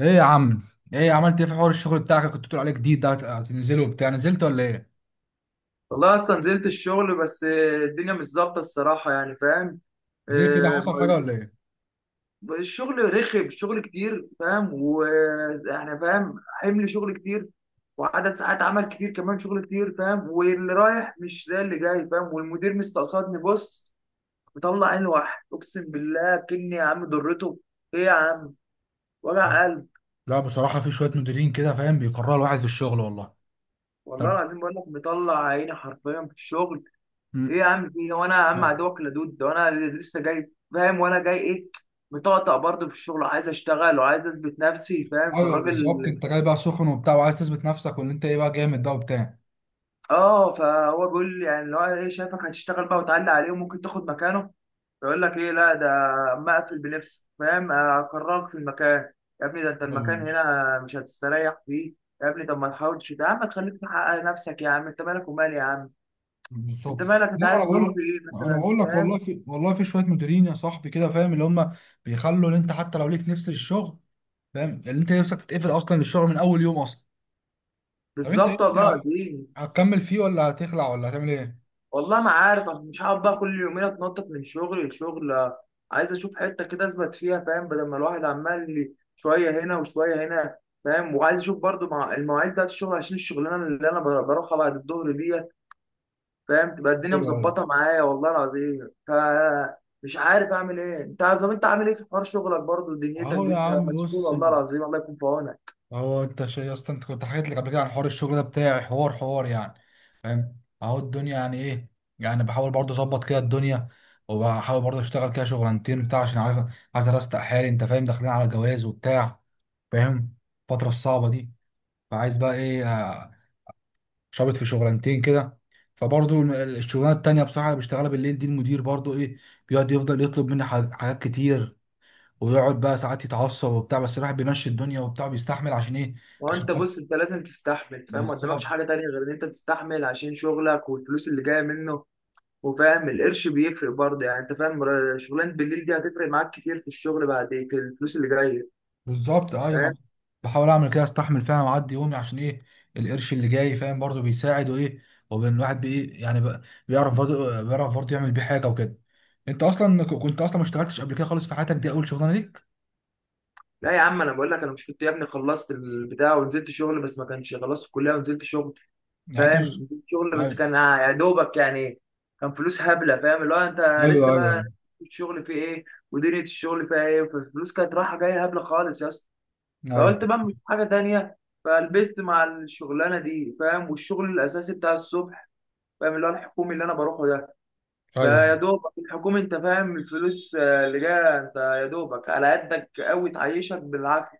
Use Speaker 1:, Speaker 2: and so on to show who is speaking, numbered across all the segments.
Speaker 1: ايه يا عم، ايه عملت ايه في حوار الشغل بتاعك؟ كنت بتقول عليه جديد ده، هتنزله وبتاع؟ نزلت ولا ايه؟
Speaker 2: والله اصلا نزلت الشغل بس آه، الدنيا مش ظابطه الصراحه يعني فاهم
Speaker 1: ليه كده،
Speaker 2: آه،
Speaker 1: حصل حاجه ولا ايه؟
Speaker 2: الشغل رخم. الشغل كتير فاهم، واحنا فاهم حمل شغل كتير، وعدد ساعات عمل كتير كمان. شغل كتير فاهم، واللي رايح مش زي اللي جاي فاهم. والمدير مستقصدني، بص، مطلع عين واحد، اقسم بالله كني يا عم ضرته. ايه يا عم، وجع قلب.
Speaker 1: لا بصراحه في شويه مديرين كده فاهم، بيكرهوا الواحد في الشغل والله.
Speaker 2: والله
Speaker 1: طب
Speaker 2: العظيم بقول لك مطلع عيني حرفيا في الشغل. ايه
Speaker 1: م-
Speaker 2: يا عم، في هو انا يا عم عدوك لدود؟ ده انا لسه جاي فاهم، وانا جاي ايه، مطقطق برضه في الشغل وعايز اشتغل وعايز اثبت نفسي فاهم.
Speaker 1: ايوه
Speaker 2: فالراجل
Speaker 1: بالظبط، انت جاي بقى سخن وبتاع، وعايز تثبت نفسك وان انت ايه بقى، جامد ده وبتاع.
Speaker 2: اه، فهو بيقول لي يعني اللي هو ايه، شايفك هتشتغل بقى وتعلي عليه وممكن تاخد مكانه. يقول لك ايه، لا ده اما اقفل بنفسي فاهم، اكرهك في المكان. يا ابني ده انت
Speaker 1: أيوة،
Speaker 2: المكان هنا مش هتستريح فيه. يا ابني طب ما تحاولش يا عم تخليك تحقق نفسك، يا عم انت مالك ومالي يا عم، انت
Speaker 1: بالظبط.
Speaker 2: مالك؟ انت
Speaker 1: لا ما انا
Speaker 2: عارف
Speaker 1: بقول
Speaker 2: ظروفي
Speaker 1: لك
Speaker 2: ايه
Speaker 1: انا
Speaker 2: مثلا
Speaker 1: بقول لك والله
Speaker 2: فاهم؟
Speaker 1: في والله في شويه مديرين يا صاحبي كده فاهم، اللي هم بيخلوا ان انت حتى لو ليك نفس الشغل، فاهم، اللي انت نفسك تتقفل اصلا للشغل من اول يوم اصلا. طب انت ايه،
Speaker 2: بالظبط والله
Speaker 1: انت
Speaker 2: العظيم.
Speaker 1: هتكمل فيه ولا هتخلع ولا هتعمل ايه؟
Speaker 2: والله ما عارف، أنا مش هقعد بقى كل يومين اتنطط من شغل لشغل آه، عايز اشوف حته كده اثبت فيها فاهم، بدل ما الواحد عمال لي شويه هنا وشويه هنا فاهم. وعايز اشوف برضو مع المواعيد بتاعت الشغل، عشان الشغلانه اللي انا بروحها بعد الظهر ديت فاهم، تبقى الدنيا
Speaker 1: ايوه ايوه،
Speaker 2: مظبطه معايا والله العظيم. فمش عارف اعمل ايه. انت طب انت عامل ايه في حوار شغلك برضو؟ دنيتك
Speaker 1: اهو
Speaker 2: دي
Speaker 1: يا
Speaker 2: انت
Speaker 1: عم
Speaker 2: مسؤول،
Speaker 1: بص،
Speaker 2: والله العظيم الله يكون في عونك.
Speaker 1: اهو انت يا اسطى انت كنت حكيت لك قبل كده عن حوار الشغل ده بتاعي، حوار يعني فاهم، اهو الدنيا يعني ايه، يعني بحاول برضه اظبط كده الدنيا، وبحاول برضه اشتغل كده شغلانتين بتاع عشان عارف عايز ارستق حالي، انت فاهم، داخلين على جواز وبتاع فاهم، الفترة الصعبة دي. فعايز بقى ايه، شابط في شغلانتين كده. فبرضه الشغلانه التانية بصراحة اللي بشتغلها بالليل دي، المدير برضه ايه، بيقعد يفضل يطلب مني حاجات كتير، ويقعد بقى ساعات يتعصب وبتاع، بس الواحد بيمشي الدنيا وبتاع، بيستحمل عشان ايه، عشان
Speaker 2: وانت
Speaker 1: يحط.
Speaker 2: بص، انت لازم تستحمل فاهم، ما قدامكش
Speaker 1: بالظبط.
Speaker 2: حاجه تانيه غير ان انت تستحمل عشان شغلك والفلوس اللي جايه منه. وفاهم القرش بيفرق برضه يعني، انت فاهم، شغلانه بالليل دي هتفرق معاك كتير في الشغل بعد، في الفلوس اللي جايه
Speaker 1: بالظبط
Speaker 2: فاهم.
Speaker 1: ايوه، بحاول اعمل كده استحمل فعلا واعدي يومي، عشان ايه، القرش اللي جاي فاهم، برضه بيساعد وايه، وبين الواحد بايه يعني بقى، بيعرف برضه يعمل بيه حاجه وكده. انت اصلا كنت اصلا ما اشتغلتش قبل كده خالص، في حياتك دي اول شغلانه ليك؟
Speaker 2: لا يا عم انا بقول لك، انا مش كنت يا ابني خلصت البتاع ونزلت شغل، بس ما كانش خلصت الكليه ونزلت شغل
Speaker 1: يعني انت
Speaker 2: فاهم.
Speaker 1: مش...
Speaker 2: نزلت شغل بس
Speaker 1: ايوه
Speaker 2: كان يا دوبك يعني، كان فلوس هبله فاهم، اللي هو انت
Speaker 1: ايوه
Speaker 2: لسه
Speaker 1: ايوه
Speaker 2: بقى الشغل فيه ايه ودنيا الشغل فيها ايه، فالفلوس كانت رايحه جايه هبله خالص يا اسطى.
Speaker 1: ايوه
Speaker 2: فقلت بقى مش حاجه تانيه، فلبست مع الشغلانه دي فاهم، والشغل الاساسي بتاع الصبح فاهم اللي هو الحكومي اللي انا بروحه ده.
Speaker 1: ايوه.
Speaker 2: فيا دوبك الحكومة انت فاهم الفلوس آه، اللي جاية انت يا دوبك على قدك قوي تعيشك بالعافية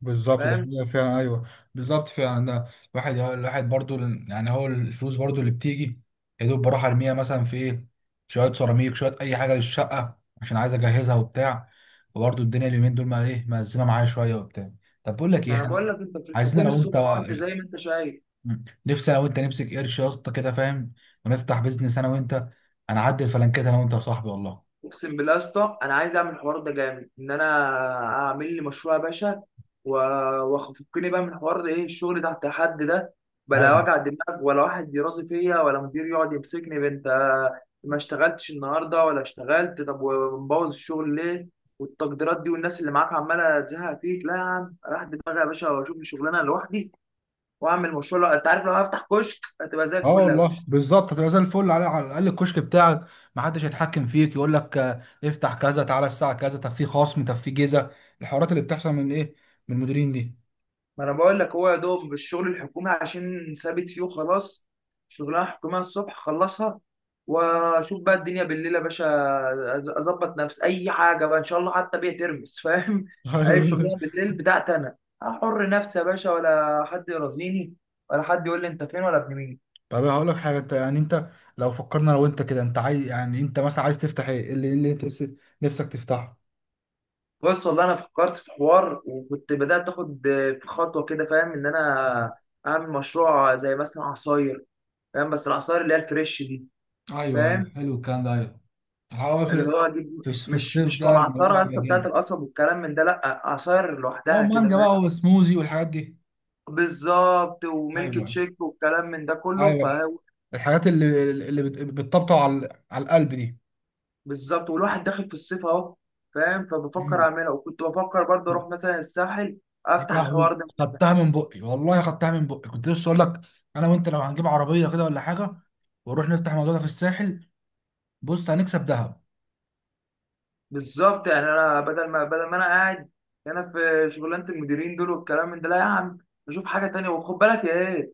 Speaker 1: بالظبط ده
Speaker 2: فاهم.
Speaker 1: حقيقة فعلا، ايوه. بالظبط فعلا ده. الواحد برضو يعني هو الفلوس برضو اللي بتيجي يا دوب، بروح ارميها مثلا في ايه، شويه سيراميك، شويه اي حاجه للشقه عشان عايز اجهزها وبتاع. وبرضو الدنيا اليومين دول ما ايه، مأزمه معايا شويه وبتاع. طب بقول لك ايه،
Speaker 2: ما انا
Speaker 1: احنا
Speaker 2: بقول لك انت في
Speaker 1: عايزين
Speaker 2: الحكومة
Speaker 1: انا وانت،
Speaker 2: الصبح، وانت زي ما انت شايف.
Speaker 1: نفسي انا وانت نمسك قرش يا اسطى كده فاهم، ونفتح بيزنس انا وانت، انا اعدي الفلانكات انا وانت يا صاحبي والله.
Speaker 2: اقسم بالله يا اسطى انا عايز اعمل الحوار ده جامد، ان انا اعمل لي مشروع يا باشا، و- وافكني بقى من حوار ده، ايه الشغل تحت حد ده، بلا وجع دماغ ولا واحد يرازي فيا ولا مدير يقعد يمسكني بنت، ما اشتغلتش النهارده ولا اشتغلت، طب ومبوظ الشغل ليه، والتقديرات دي، والناس اللي معاك عماله تزهق فيك. لا يا عم، راح دماغي يا باشا واشوف لي شغلانه لوحدي، واعمل مشروع. انت عارف لو هفتح كشك هتبقى زي
Speaker 1: اه
Speaker 2: الفل يا
Speaker 1: والله
Speaker 2: باشا.
Speaker 1: بالظبط، هتبقى زي الفل، على الاقل الكشك بتاعك ما حدش هيتحكم فيك يقول لك افتح كذا، تعالى الساعه كذا، طب في خصم، طب في جيزه، الحوارات اللي بتحصل من ايه، من المديرين دي.
Speaker 2: ما انا بقول لك هو يا دوب الشغل الحكومي عشان ثابت فيه وخلاص، شغلانه حكوميه الصبح خلصها، واشوف بقى الدنيا بالليل يا باشا. اظبط نفسي اي حاجه بقى ان شاء الله، حتى بيها ترمس فاهم اي شغلانه بالليل بتاعتي انا، احر نفسي يا باشا ولا حد يرازيني، ولا حد يقول لي انت فين ولا ابن مين.
Speaker 1: طب هقول لك حاجه، انت يعني انت لو فكرنا، لو انت كده انت عايز، يعني انت مثلا عايز تفتح ايه، إيه اللي انت نفسك تفتحه.
Speaker 2: بص والله انا فكرت في حوار وكنت بدات اخد في خطوه كده فاهم، ان
Speaker 1: مم.
Speaker 2: انا اعمل مشروع زي مثلا عصاير فاهم، بس العصاير اللي هي الفريش دي
Speaker 1: ايوه ايوه،
Speaker 2: فاهم،
Speaker 1: حلو الكلام ده، ايوه. هو في
Speaker 2: اللي هو اجيب
Speaker 1: في في
Speaker 2: مش
Speaker 1: الصيف
Speaker 2: مش
Speaker 1: ده الموضوع
Speaker 2: كمعصره يا
Speaker 1: هيبقى
Speaker 2: اسطى بتاعت
Speaker 1: جامد،
Speaker 2: القصب والكلام من ده، لا عصاير
Speaker 1: هو
Speaker 2: لوحدها كده
Speaker 1: مانجا
Speaker 2: فاهم.
Speaker 1: بقى وسموزي والحاجات دي.
Speaker 2: بالظبط، وميلك
Speaker 1: ايوه
Speaker 2: تشيك والكلام من ده
Speaker 1: ايوه
Speaker 2: كله.
Speaker 1: أيوه،
Speaker 2: فهو
Speaker 1: الحاجات اللي بتطبطب على القلب دي.
Speaker 2: بالظبط، والواحد داخل في الصيف اهو فاهم. فبفكر
Speaker 1: مم.
Speaker 2: اعملها، وكنت بفكر برضه اروح مثلا الساحل
Speaker 1: يا
Speaker 2: افتح
Speaker 1: لهوي،
Speaker 2: الحوار ده.
Speaker 1: خدتها من بقي والله، خدتها من بقي، كنت لسه اقول لك انا وانت لو هنجيب عربيه كده ولا حاجه، ونروح نفتح موضوع ده في الساحل، بص هنكسب ذهب.
Speaker 2: بالظبط، يعني انا بدل ما انا قاعد هنا في شغلانه المديرين دول والكلام من ده، لا يا عم اشوف حاجه تانية. وخد بالك يا ايه،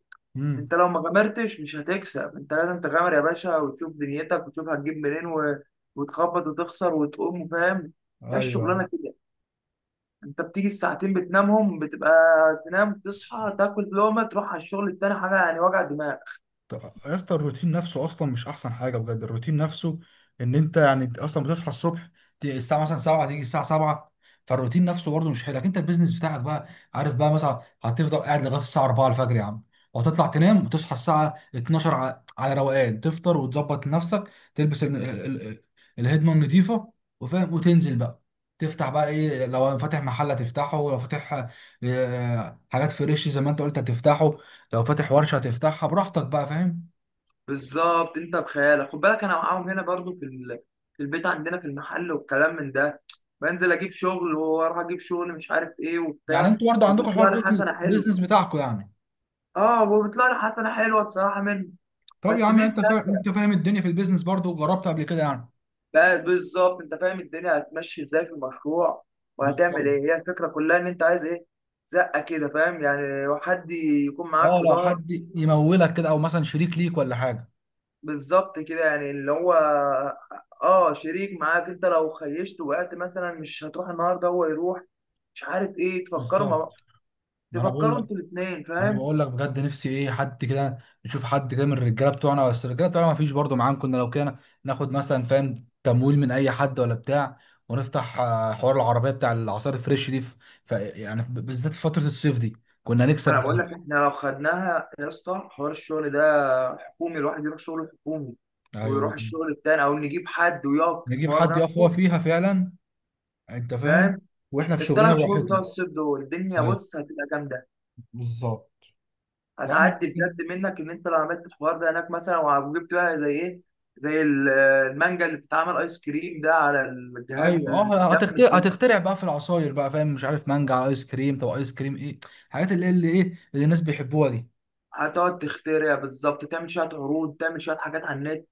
Speaker 2: انت
Speaker 1: امم
Speaker 2: لو ما غامرتش مش هتكسب، انت لازم تغامر يا باشا وتشوف دنيتك وتشوف هتجيب منين و... وتخبط وتخسر وتقوم فاهم. هي
Speaker 1: ايوه.
Speaker 2: الشغلانه كده. انت بتيجي الساعتين بتنامهم بتبقى تنام تصحى تاكل لقمه تروح على الشغل التاني، حاجه يعني وجع دماغ.
Speaker 1: طب يا اسطى الروتين نفسه اصلا مش احسن حاجه، بجد الروتين نفسه، ان انت يعني اصلا بتصحى الصبح، الساعه مثلا 7، تيجي الساعه 7، فالروتين نفسه برضه مش حلو. لكن انت البيزنس بتاعك بقى، عارف بقى مثلا هتفضل قاعد لغايه الساعه 4 الفجر يا عم، وهتطلع تنام وتصحى الساعه 12 على روقان، تفطر وتظبط نفسك تلبس الهدمه النظيفه، وفاهم وتنزل بقى، تفتح بقى ايه، لو فاتح محل هتفتحه، ولو فاتح حاجات فريش زي ما انت قلت هتفتحه، لو فاتح ورشه هتفتحها براحتك بقى فاهم.
Speaker 2: بالظبط، انت بخيالك خد بالك انا معاهم هنا برضو في ال... في البيت عندنا في المحل والكلام من ده، بنزل اجيب شغل واروح اجيب شغل مش عارف ايه
Speaker 1: يعني
Speaker 2: وبتاع،
Speaker 1: انتوا برضه عندكم حوار
Speaker 2: وبيطلع لي
Speaker 1: بيزنس
Speaker 2: حسنه حلوه.
Speaker 1: بيزنس بتاعكم يعني.
Speaker 2: اه وبيطلع لي حسنه حلوه الصراحه منه.
Speaker 1: طب يا
Speaker 2: بس
Speaker 1: عم انت
Speaker 2: ميزه
Speaker 1: انت فاهم الدنيا في البيزنس برضه، وجربت قبل كده يعني.
Speaker 2: بقى بالظبط، انت فاهم الدنيا هتمشي ازاي في المشروع، وهتعمل
Speaker 1: بالظبط.
Speaker 2: ايه، هي الفكره كلها ان انت عايز ايه، زقه كده فاهم، يعني حد يكون معاك
Speaker 1: اه
Speaker 2: في
Speaker 1: لو
Speaker 2: ظهرك.
Speaker 1: حد يمولك كده، او مثلا شريك ليك ولا حاجه.
Speaker 2: بالظبط كده يعني اللي هو اه شريك معاك، انت لو خيشت وقعت مثلا مش هتروح النهارده هو يروح، مش عارف ايه،
Speaker 1: بالظبط ما انا بقول
Speaker 2: تفكروا
Speaker 1: لك
Speaker 2: انتوا الاثنين
Speaker 1: انا
Speaker 2: فاهم.
Speaker 1: بقول لك بجد، نفسي ايه، حد كده نشوف، حد كده من الرجاله بتوعنا، بس الرجاله بتوعنا ما فيش برضه معاهم، كنا لو كده ناخد مثلا فاهم تمويل من اي حد ولا بتاع، ونفتح حوار العربيه بتاع العصائر الفريش دي يعني بالذات في فتره الصيف دي كنا
Speaker 2: ما
Speaker 1: نكسب
Speaker 2: انا
Speaker 1: ده.
Speaker 2: بقول لك احنا لو خدناها يا اسطى حوار الشغل ده، حكومي الواحد يروح شغله حكومي،
Speaker 1: ايوه
Speaker 2: ويروح
Speaker 1: بالظبط.
Speaker 2: الشغل التاني، او نجيب حد ويقف في
Speaker 1: نجيب
Speaker 2: الحوار
Speaker 1: حد يقف
Speaker 2: نفسه
Speaker 1: فيها فعلا، انت فاهم،
Speaker 2: فاهم.
Speaker 1: واحنا في شغلنا
Speaker 2: الثلاث شهور بتوع
Speaker 1: براحتنا.
Speaker 2: الصيف دول الدنيا
Speaker 1: ايوه
Speaker 2: بص هتبقى جامده،
Speaker 1: بالظبط. يا عم،
Speaker 2: هتعدي بجد منك. ان انت لو عملت الحوار ده هناك مثلا، وجبت بقى زي ايه، زي المانجا اللي بتتعمل ايس كريم ده على الجهاز
Speaker 1: ايوه. اه،
Speaker 2: الجامد
Speaker 1: هتخترع
Speaker 2: ده،
Speaker 1: هتخترع بقى في العصاير بقى فاهم، مش عارف مانجا على ايس كريم، طب ايس كريم ايه، الحاجات
Speaker 2: هتقعد تخترع بالظبط، تعمل شويه عروض، تعمل شويه حاجات على النت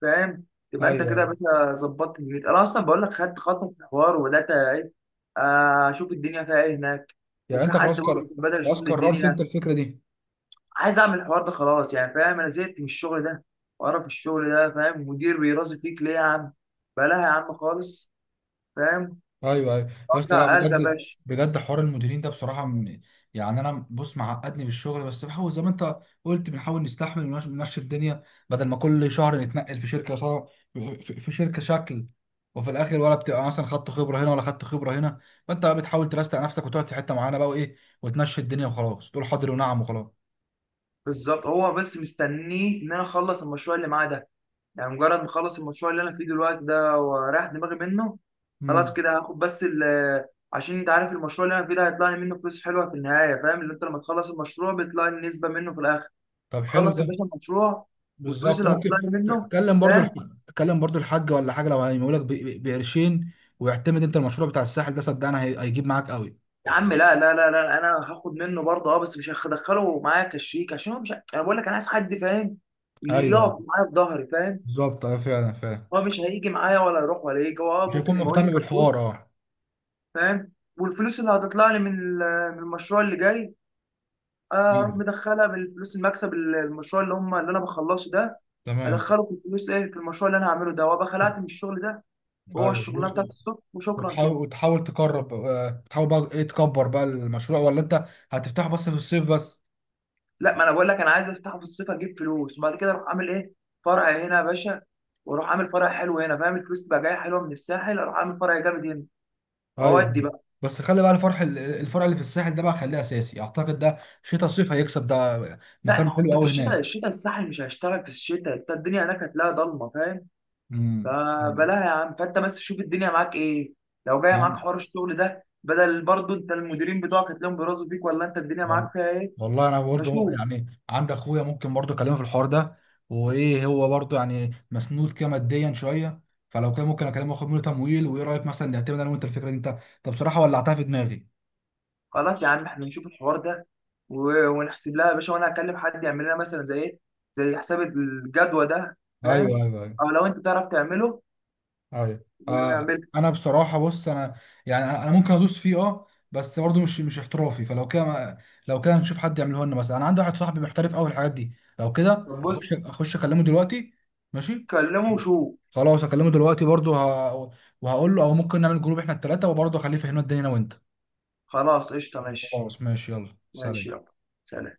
Speaker 2: فاهم. تبقى انت كده يا باشا ظبطت. النت انا اصلا بقول لك خدت خطوه في الحوار وبدات ايه آه، اشوف الدنيا فيها ايه هناك، وفي حد برضه كان بدأ يشوف لي الدنيا.
Speaker 1: اللي.
Speaker 2: عايز اعمل الحوار ده خلاص يعني فاهم، انا زهقت من الشغل ده وقرف الشغل ده فاهم، مدير بيرازي فيك ليه يا عم، بلاها يا عم خالص فاهم،
Speaker 1: ايوه ايوه يا اسطى، لا
Speaker 2: ارجع قلب يا
Speaker 1: بجد،
Speaker 2: باشا.
Speaker 1: بجد حوار المديرين ده بصراحه يعني انا بص معقدني في الشغل، بس بحاول زي ما انت قلت، بنحاول نستحمل ونمشي الدنيا، بدل ما كل شهر نتنقل في شركه، صار في شركه شكل، وفي الاخر ولا بتبقى مثلا خدت خبره هنا، ولا خدت خبره هنا. فانت بقى بتحاول ترستق نفسك وتقعد في حته معينه بقى وايه، وتمشي الدنيا وخلاص، تقول حاضر ونعم وخلاص.
Speaker 2: بالظبط، هو بس مستنيه ان انا اخلص المشروع اللي معاه ده، يعني مجرد ما اخلص المشروع اللي انا فيه دلوقتي ده ورايح دماغي منه، خلاص
Speaker 1: امم.
Speaker 2: كده هاخد بس ال آه، عشان انت عارف المشروع اللي انا فيه ده هيطلع لي منه فلوس حلوه في النهايه فاهم، اللي انت لما تخلص المشروع بيطلع لي نسبه منه في الاخر.
Speaker 1: طب حلو
Speaker 2: خلص يا
Speaker 1: ده،
Speaker 2: باشا المشروع، والفلوس
Speaker 1: بالظبط.
Speaker 2: اللي هتطلع
Speaker 1: ممكن
Speaker 2: لي منه
Speaker 1: تكلم برضو
Speaker 2: فاهم.
Speaker 1: تكلم برضو الحاج ولا حاجه، لو هيمولك بقرشين، ويعتمد، انت المشروع بتاع الساحل ده صدقني هيجيب معاك قوي.
Speaker 2: يا عم لا لا لا لا، انا هاخد منه برضه اه، بس مش هدخله معايا كشريك، عشان هو مش، انا بقول لك انا عايز حد فاهم
Speaker 1: ايوه
Speaker 2: يقف معايا في ظهري فاهم.
Speaker 1: بالظبط. اه فعلا فعلا.
Speaker 2: هو مش هيجي معايا ولا يروح ولا يجي، هو اه
Speaker 1: مش
Speaker 2: ممكن
Speaker 1: هيكون
Speaker 2: يبقى يقول لي
Speaker 1: مهتم بالحوار،
Speaker 2: كفلوس
Speaker 1: اه.
Speaker 2: فاهم. والفلوس اللي هتطلع لي من من المشروع اللي جاي آه،
Speaker 1: ايوه
Speaker 2: اروح مدخلها بالفلوس المكسب المشروع اللي هم اللي انا بخلصه ده،
Speaker 1: تمام.
Speaker 2: ادخله في الفلوس ايه، في المشروع اللي انا هعمله ده، وابقى خلعت من الشغل ده، وهو
Speaker 1: ايوه
Speaker 2: الشغلانه بتاعت الصبح، وشكرا
Speaker 1: وتحاول
Speaker 2: كده.
Speaker 1: وتحاول تقرب، تحاول بقى ايه تكبر بقى المشروع، ولا انت هتفتحه بس في الصيف بس؟
Speaker 2: لا ما انا بقول لك، انا عايز افتحه في الصيف، اجيب فلوس، وبعد كده اروح عامل ايه، فرع هنا يا باشا، واروح عامل فرع حلو هنا فاهم. الفلوس تبقى جايه حلوه من الساحل، اروح عامل فرع جامد هنا، واودي
Speaker 1: ايوه.
Speaker 2: بقى.
Speaker 1: بس خلي بقى الفرع اللي في الساحل ده بقى، خليه اساسي، اعتقد ده شتاء صيف هيكسب، ده
Speaker 2: لا
Speaker 1: مكان
Speaker 2: ما هو
Speaker 1: حلو
Speaker 2: انت في
Speaker 1: قوي
Speaker 2: الشتاء،
Speaker 1: هناك.
Speaker 2: الشتاء الساحل مش هيشتغل في الشتاء، انت الدنيا هناك هتلاقيها ضلمه فاهم،
Speaker 1: امم
Speaker 2: فبلاها يا عم. فانت بس شوف الدنيا معاك ايه، لو جايه معاك حوار الشغل ده بدل برضه انت المديرين بتوعك هتلاقيهم بيرازوا فيك، ولا انت الدنيا
Speaker 1: وال-
Speaker 2: معاك فيها ايه،
Speaker 1: والله انا برضه
Speaker 2: فشوف.
Speaker 1: يعني عند اخويا، ممكن برضه اكلمه في الحوار ده وايه، هو برضه يعني مسنود كده ماديا شويه، فلو كان ممكن اكلمه واخد منه تمويل، وايه رايك مثلا نعتمد انا وانت الفكره دي؟ انت طب بصراحه ولعتها في دماغي.
Speaker 2: خلاص يا عم احنا نشوف الحوار ده و... ونحسب لها يا باشا، وانا هكلم حد يعمل لنا مثلا زي ايه، زي حساب الجدوى ده
Speaker 1: ايوه
Speaker 2: فاهم،
Speaker 1: ايوه
Speaker 2: او لو انت تعرف تعمله
Speaker 1: ايوه آه.
Speaker 2: ونعمل.
Speaker 1: انا بصراحه بص، انا يعني انا ممكن ادوس فيه اه، بس برضه مش احترافي، فلو كده لو كده نشوف حد يعمله لنا مثلا، انا عندي واحد صاحبي محترف قوي في الحاجات دي، لو كده
Speaker 2: طب بص،
Speaker 1: اخش اكلمه دلوقتي. ماشي.
Speaker 2: كلمه وشوف.
Speaker 1: خلاص اكلمه دلوقتي برضه وهقول له او ممكن نعمل جروب احنا الثلاثه، وبرضه اخليه يفهمنا الدنيا انا وانت.
Speaker 2: خلاص قشطه، ماشي.
Speaker 1: خلاص ماشي، يلا
Speaker 2: ماشي
Speaker 1: سلام.
Speaker 2: يلا، سلام.